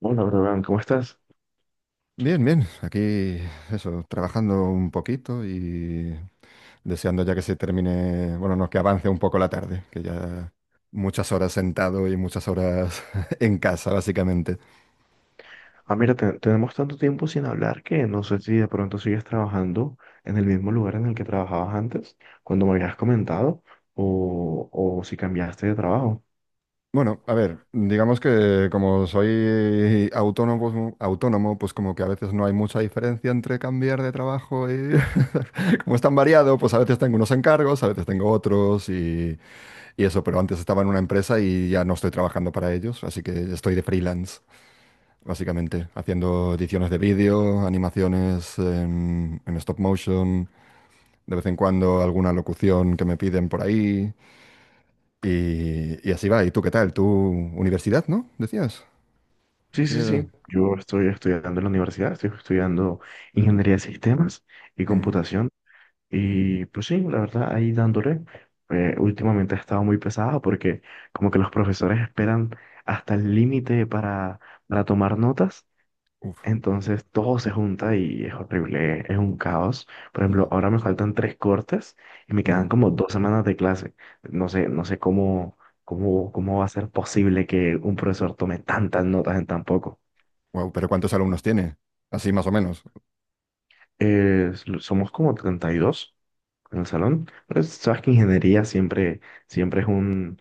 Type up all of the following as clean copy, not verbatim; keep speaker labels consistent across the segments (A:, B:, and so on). A: Hola, Brogan, ¿cómo estás?
B: Bien, bien. Aquí, eso, trabajando un poquito y deseando ya que se termine, bueno, no, que avance un poco la tarde, que ya muchas horas sentado y muchas horas en casa, básicamente.
A: Ah, mira, tenemos tanto tiempo sin hablar que no sé si de pronto sigues trabajando en el mismo lugar en el que trabajabas antes, cuando me habías comentado, o si cambiaste de trabajo.
B: Bueno, a ver, digamos que como soy autónomo, autónomo, pues como que a veces no hay mucha diferencia entre cambiar de trabajo y como es tan variado, pues a veces tengo unos encargos, a veces tengo otros y eso, pero antes estaba en una empresa y ya no estoy trabajando para ellos, así que estoy de freelance, básicamente, haciendo ediciones de vídeo, animaciones en stop motion, de vez en cuando alguna locución que me piden por ahí, y así va. ¿Y tú qué tal? ¿Tu universidad, no? Decías.
A: Sí,
B: Así
A: sí,
B: que...
A: sí. Yo estoy estudiando en la universidad, estoy estudiando ingeniería de sistemas y
B: Mm.
A: computación. Y pues sí, la verdad, ahí dándole. Últimamente ha estado muy pesado porque como que los profesores esperan hasta el límite para tomar notas.
B: Uf.
A: Entonces todo se junta y es horrible, es un caos. Por ejemplo,
B: Mm.
A: ahora me faltan tres cortes y me
B: Mm.
A: quedan como 2 semanas de clase. No sé, ¿cómo va a ser posible que un profesor tome tantas notas en tan poco?
B: Pero ¿cuántos alumnos tiene? Así más o menos.
A: Somos como 32 en el salón, pero sabes que siempre es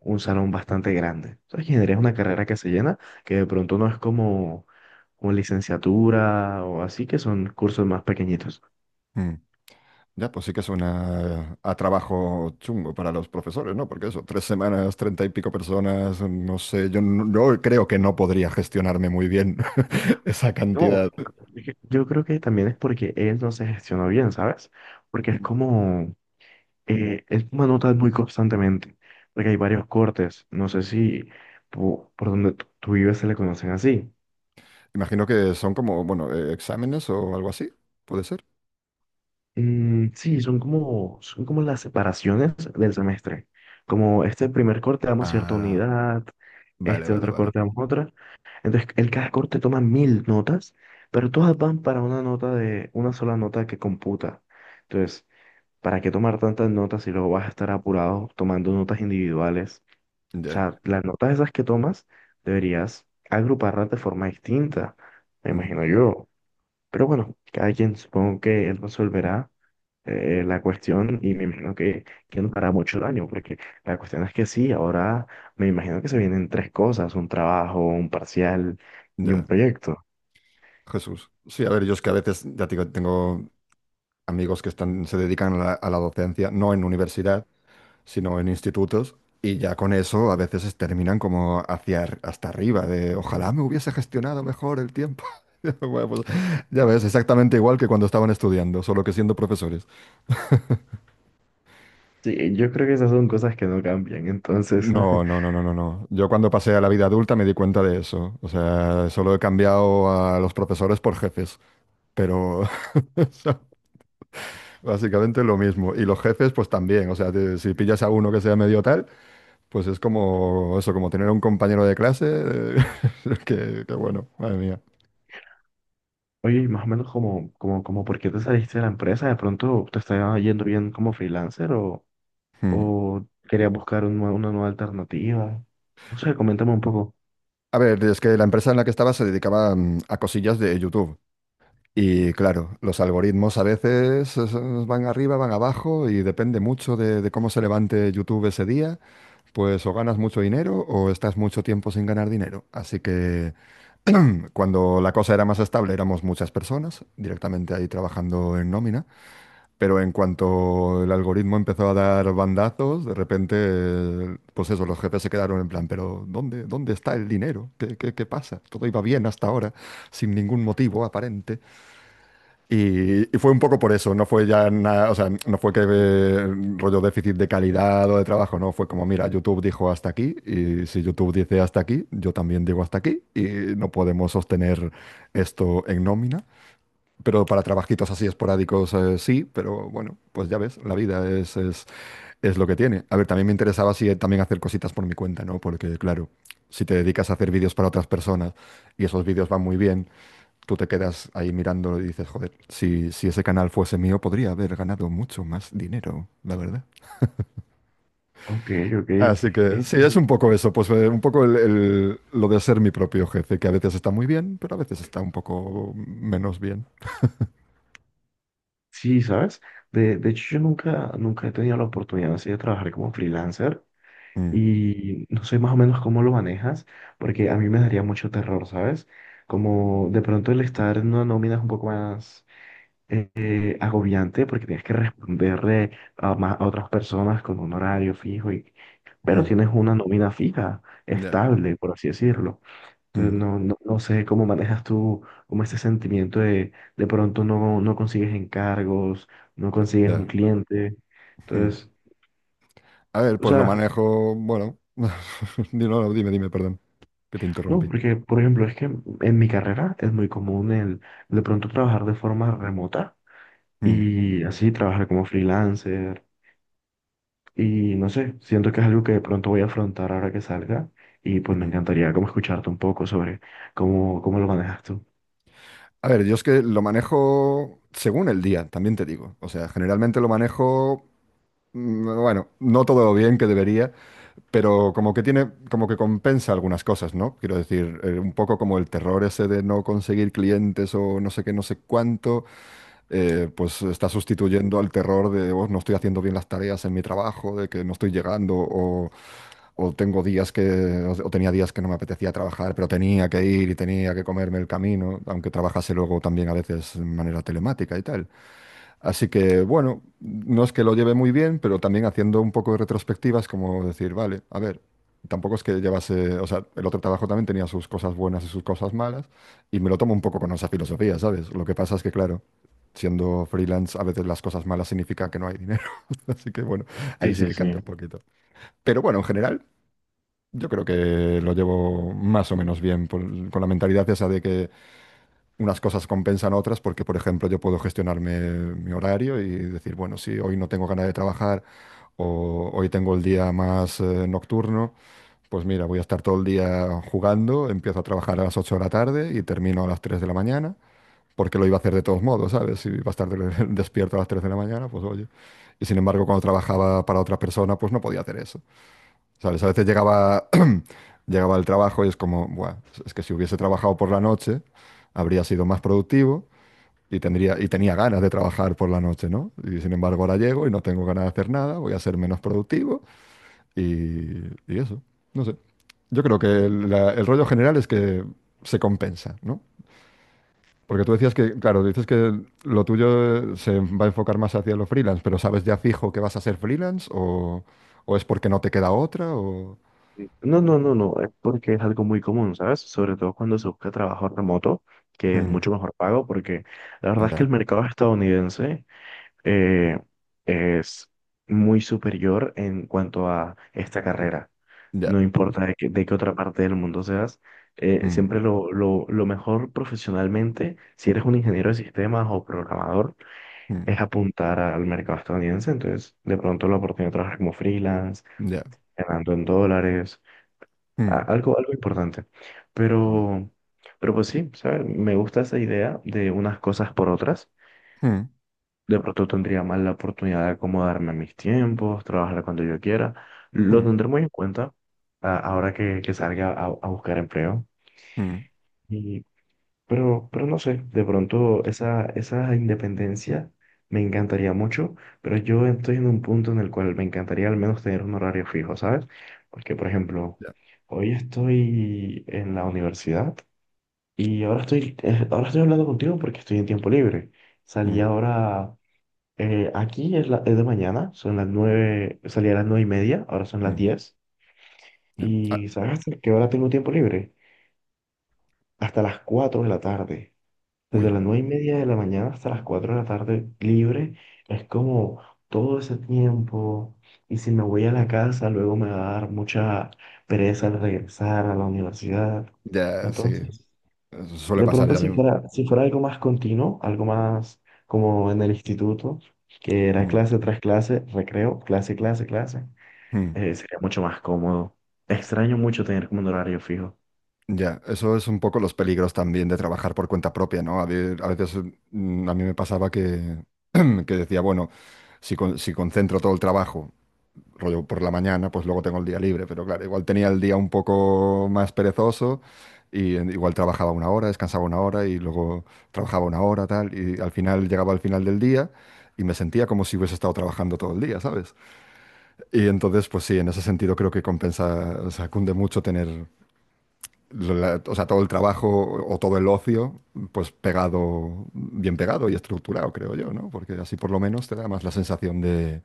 A: un salón bastante grande. Sabes que ingeniería es una carrera que se llena, que de pronto no es como licenciatura o así, que son cursos más pequeñitos.
B: Mm. Ya, pues sí que suena a trabajo chungo para los profesores, ¿no? Porque eso, 3 semanas, 30 y pico personas, no sé, yo creo que no podría gestionarme muy bien esa
A: No,
B: cantidad.
A: es que yo creo que también es porque él no se gestionó bien, ¿sabes? Porque es como, él toma notas muy constantemente, porque hay varios cortes, no sé si por donde tú vives se le conocen así.
B: Imagino que son como, bueno, exámenes o algo así, puede ser.
A: Mm, sí, son como las separaciones del semestre, como este primer corte damos cierta
B: Ah,
A: unidad,
B: vale,
A: este
B: vale,
A: otro
B: vale.
A: corte damos otra, entonces en cada corte toma mil notas, pero todas van para una una sola nota que computa. Entonces, ¿para qué tomar tantas notas si luego vas a estar apurado tomando notas individuales? O
B: Ya.
A: sea, las notas esas que tomas deberías agruparlas de forma distinta, me
B: Ujú.
A: imagino yo. Pero bueno, cada quien supongo que él resolverá la cuestión y me imagino que no hará mucho daño, porque la cuestión es que sí, ahora me imagino que se vienen tres cosas, un trabajo, un parcial y un
B: Ya.
A: proyecto.
B: Jesús. Sí, a ver, yo es que a veces, ya te digo, tengo amigos que están, se dedican a la docencia, no en universidad, sino en institutos, y ya con eso a veces terminan como hacia hasta arriba, de ojalá me hubiese gestionado mejor el tiempo. Bueno, pues, ya ves, exactamente igual que cuando estaban estudiando, solo que siendo profesores.
A: Sí, yo creo que esas son cosas que no cambian, entonces...
B: No, no, no, no, no, no. Yo cuando pasé a la vida adulta me di cuenta de eso. O sea, solo he cambiado a los profesores por jefes, pero son básicamente lo mismo. Y los jefes, pues también. O sea, si pillas a uno que sea medio tal, pues es como eso, como tener un compañero de clase, que bueno, madre mía.
A: Oye, y más o menos como por qué te saliste de la empresa, de pronto te estaba yendo bien como freelancer
B: Hmm.
A: o querías buscar un una nueva alternativa. No sé, coméntame un poco.
B: A ver, es que la empresa en la que estaba se dedicaba, a cosillas de YouTube. Y claro, los algoritmos a veces van arriba, van abajo y depende mucho de cómo se levante YouTube ese día, pues o ganas mucho dinero o estás mucho tiempo sin ganar dinero. Así que cuando la cosa era más estable éramos muchas personas directamente ahí trabajando en nómina, pero en cuanto el algoritmo empezó a dar bandazos, de repente, pues eso, los jefes se quedaron en plan, pero ¿dónde está el dinero? ¿Qué pasa? Todo iba bien hasta ahora, sin ningún motivo aparente. Y fue un poco por eso, no fue ya nada, o sea, no fue que rollo déficit de calidad o de trabajo, no, fue como, mira, YouTube dijo hasta aquí, y si YouTube dice hasta aquí, yo también digo hasta aquí, y no podemos sostener esto en nómina. Pero para trabajitos así esporádicos, sí, pero bueno, pues ya ves, la vida es lo que tiene. A ver, también me interesaba si también hacer cositas por mi cuenta, ¿no? Porque claro, si te dedicas a hacer vídeos para otras personas y esos vídeos van muy bien, tú te quedas ahí mirándolo y dices, joder, si ese canal fuese mío, podría haber ganado mucho más dinero, la verdad.
A: Ok, ok.
B: Así que
A: Eh,
B: sí, es un poco eso, pues un poco lo de ser mi propio jefe, que a veces está muy bien, pero a veces está un poco menos bien.
A: sí, ¿sabes? De hecho, yo nunca, nunca he tenido la oportunidad así de trabajar como freelancer
B: Mm.
A: y no sé más o menos cómo lo manejas, porque a mí me daría mucho terror, ¿sabes? Como de pronto el estar en una nómina es un poco más... agobiante porque tienes que responderle a otras personas con un horario fijo, y, pero
B: Ujú.
A: tienes una nómina fija,
B: Ya.
A: estable, por así decirlo. Entonces
B: Mm.
A: no sé cómo manejas tú como ese sentimiento de pronto no, no consigues encargos, no consigues un
B: Ya.
A: cliente.
B: Ujú.
A: Entonces,
B: A ver,
A: o
B: pues lo
A: sea,
B: manejo, bueno, no, no, dime, dime, perdón, que te
A: no,
B: interrumpí.
A: porque por ejemplo es que en mi carrera es muy común el de pronto trabajar de forma remota.
B: Mm.
A: Y así trabajar como freelancer, y no sé, siento que es algo que de pronto voy a afrontar ahora que salga y pues me
B: Ujú.
A: encantaría como escucharte un poco sobre cómo lo manejas tú.
B: A ver, yo es que lo manejo según el día, también te digo. O sea, generalmente lo manejo. Mm. Bueno, no todo lo bien que debería, pero como que tiene, como que compensa algunas cosas, ¿no? Quiero decir, un poco como el terror ese de no conseguir clientes o no sé qué, no sé cuánto, pues está sustituyendo al terror de "Oh, no estoy haciendo bien las tareas en mi trabajo", de que no estoy llegando o tengo días que, o tenía días que no me apetecía trabajar, pero tenía que ir y tenía que comerme el camino, aunque trabajase luego también a veces de manera telemática y tal. Así que, bueno, no es que lo lleve muy bien, pero también haciendo un poco de retrospectivas, como decir, vale, a ver, tampoco es que llevase, o sea, el otro trabajo también tenía sus cosas buenas y sus cosas malas, y me lo tomo un poco con esa filosofía, ¿sabes? Lo que pasa es que, claro, siendo freelance, a veces las cosas malas significa que no hay dinero, así que, bueno, ahí
A: Sí,
B: sí
A: sí,
B: que
A: sí.
B: cambia un poquito. Pero bueno, en general, yo creo que lo llevo más o menos bien con la mentalidad esa de que unas cosas compensan otras porque, por ejemplo, yo puedo gestionarme mi horario y decir, bueno, si hoy no tengo ganas de trabajar o hoy tengo el día más nocturno, pues mira, voy a estar todo el día jugando, empiezo a trabajar a las 8 de la tarde y termino a las 3 de la mañana, porque lo iba a hacer de todos modos, ¿sabes? Si iba a estar despierto a las 3 de la mañana, pues oye. Y sin embargo, cuando trabajaba para otra persona, pues no podía hacer eso. ¿Sabes? A veces llegaba, llegaba al trabajo y es como, buah, es que si hubiese trabajado por la noche, habría sido más productivo y tendría, y tenía ganas de trabajar por la noche, ¿no? Y sin embargo ahora llego y no tengo ganas de hacer nada, voy a ser menos productivo y eso, no sé. Yo creo que el rollo general es que se compensa, ¿no? Porque tú decías que, claro, dices que lo tuyo se va a enfocar más hacia lo freelance, pero ¿sabes ya fijo que vas a ser freelance o es porque no te queda otra o...
A: No, no, no, no, Es porque es algo muy común, ¿sabes? Sobre todo cuando se busca trabajo remoto, que es
B: Mm.
A: mucho mejor pago, porque la verdad es que
B: Ya.
A: el mercado estadounidense eh, es muy superior en cuanto a esta carrera.
B: Ya.
A: No importa de qué otra parte del mundo seas,
B: Mm.
A: lo mejor profesionalmente, si eres un ingeniero de sistemas o programador,
B: Mm.
A: es apuntar al mercado estadounidense. Entonces, de pronto la oportunidad de trabajar como freelance,
B: Ya.
A: ganando en dólares,
B: Mm.
A: algo, algo importante.
B: Mm.
A: Pero, pero pues sí, ¿sabes? Me gusta esa idea de unas cosas por otras.
B: Mm.
A: De pronto tendría más la oportunidad de acomodarme a mis tiempos, trabajar cuando yo quiera. Lo
B: Mm.
A: tendré muy en cuenta ahora que salga a buscar empleo.
B: Mm.
A: Y, pero no sé, de pronto esa independencia me encantaría mucho, pero yo estoy en un punto en el cual me encantaría al menos tener un horario fijo, ¿sabes? Porque, por ejemplo,
B: Ya.
A: hoy estoy en la universidad y ahora estoy hablando contigo porque estoy en tiempo libre. Salí
B: Mm.
A: ahora es de mañana, son las 9:00, salí a las 9:30, ahora son las
B: Mm.
A: 10:00.
B: Ya. Ah.
A: ¿Y sabes hasta qué hora tengo tiempo libre? Hasta las 4 de la tarde. Desde
B: Uy.
A: las 9:30 de la mañana hasta las cuatro de la tarde libre, es como todo ese tiempo. Y si me voy a la casa, luego me va a dar mucha pereza al regresar a la universidad.
B: Ya, sí,
A: Entonces,
B: eso suele
A: de
B: pasar
A: pronto,
B: ya. Mm.
A: si fuera algo más continuo, algo más como en el instituto, que era
B: Mm.
A: clase tras clase, recreo, clase, clase, clase,
B: Mm.
A: sería mucho más cómodo. Extraño mucho tener como un horario fijo.
B: Ya, eso es un poco los peligros también de trabajar por cuenta propia, ¿no? A veces mm, a mí me pasaba que, que decía, bueno, si, si concentro todo el trabajo, rollo por la mañana, pues luego tengo el día libre, pero claro, igual tenía el día un poco más perezoso y igual trabajaba una hora, descansaba una hora y luego trabajaba una hora, tal, y al final llegaba al final del día y me sentía como si hubiese estado trabajando todo el día. Y entonces, pues sí, en ese sentido creo que compensa, o sea, cunde mucho tener, o sea, todo el trabajo o todo el ocio, pues pegado, bien pegado y estructurado, creo yo, ¿no? Porque así por lo menos te da más la sensación de,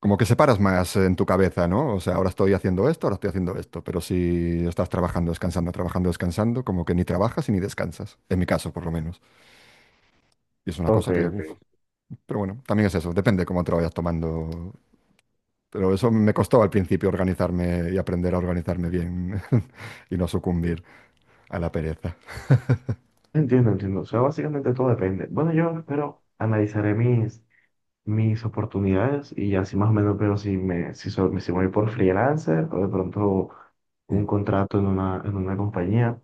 B: como que separas más en tu cabeza, ¿no? O sea, ahora estoy haciendo esto, ahora estoy haciendo esto, pero si estás trabajando, descansando, como que ni trabajas y ni descansas, en mi caso por lo menos. Y es una
A: Ok,
B: cosa que, uf,
A: ok.
B: pero bueno, también es eso, depende cómo te lo vayas tomando. Pero eso me costó al principio organizarme y aprender a organizarme bien y no sucumbir a la pereza.
A: Entiendo, entiendo. O sea, básicamente todo depende. Bueno, yo espero, analizaré mis oportunidades y así más o menos veo si me, si, so- si voy por freelancer o de pronto un
B: Mm.
A: contrato en en una compañía.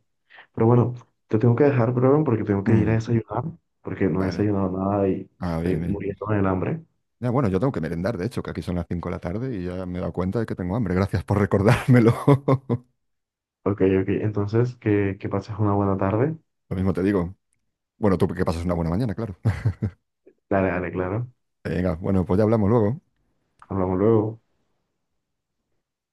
A: Pero bueno, te tengo que dejar, bro, porque tengo que ir a
B: Mm.
A: desayunar, porque no he
B: Vale.
A: desayunado nada y
B: Ah,
A: estoy
B: bien, bien.
A: muriendo del hambre.
B: Ya, bueno, yo tengo que merendar, de hecho, que aquí son las 5 de la tarde y ya me he dado cuenta de que tengo hambre. Gracias por recordármelo.
A: Ok, ok, entonces que pases una buena tarde.
B: Lo mismo te digo. Bueno, tú que pasas una buena mañana, claro.
A: Dale, dale, claro.
B: Venga, bueno, pues ya hablamos luego.
A: Hablamos luego.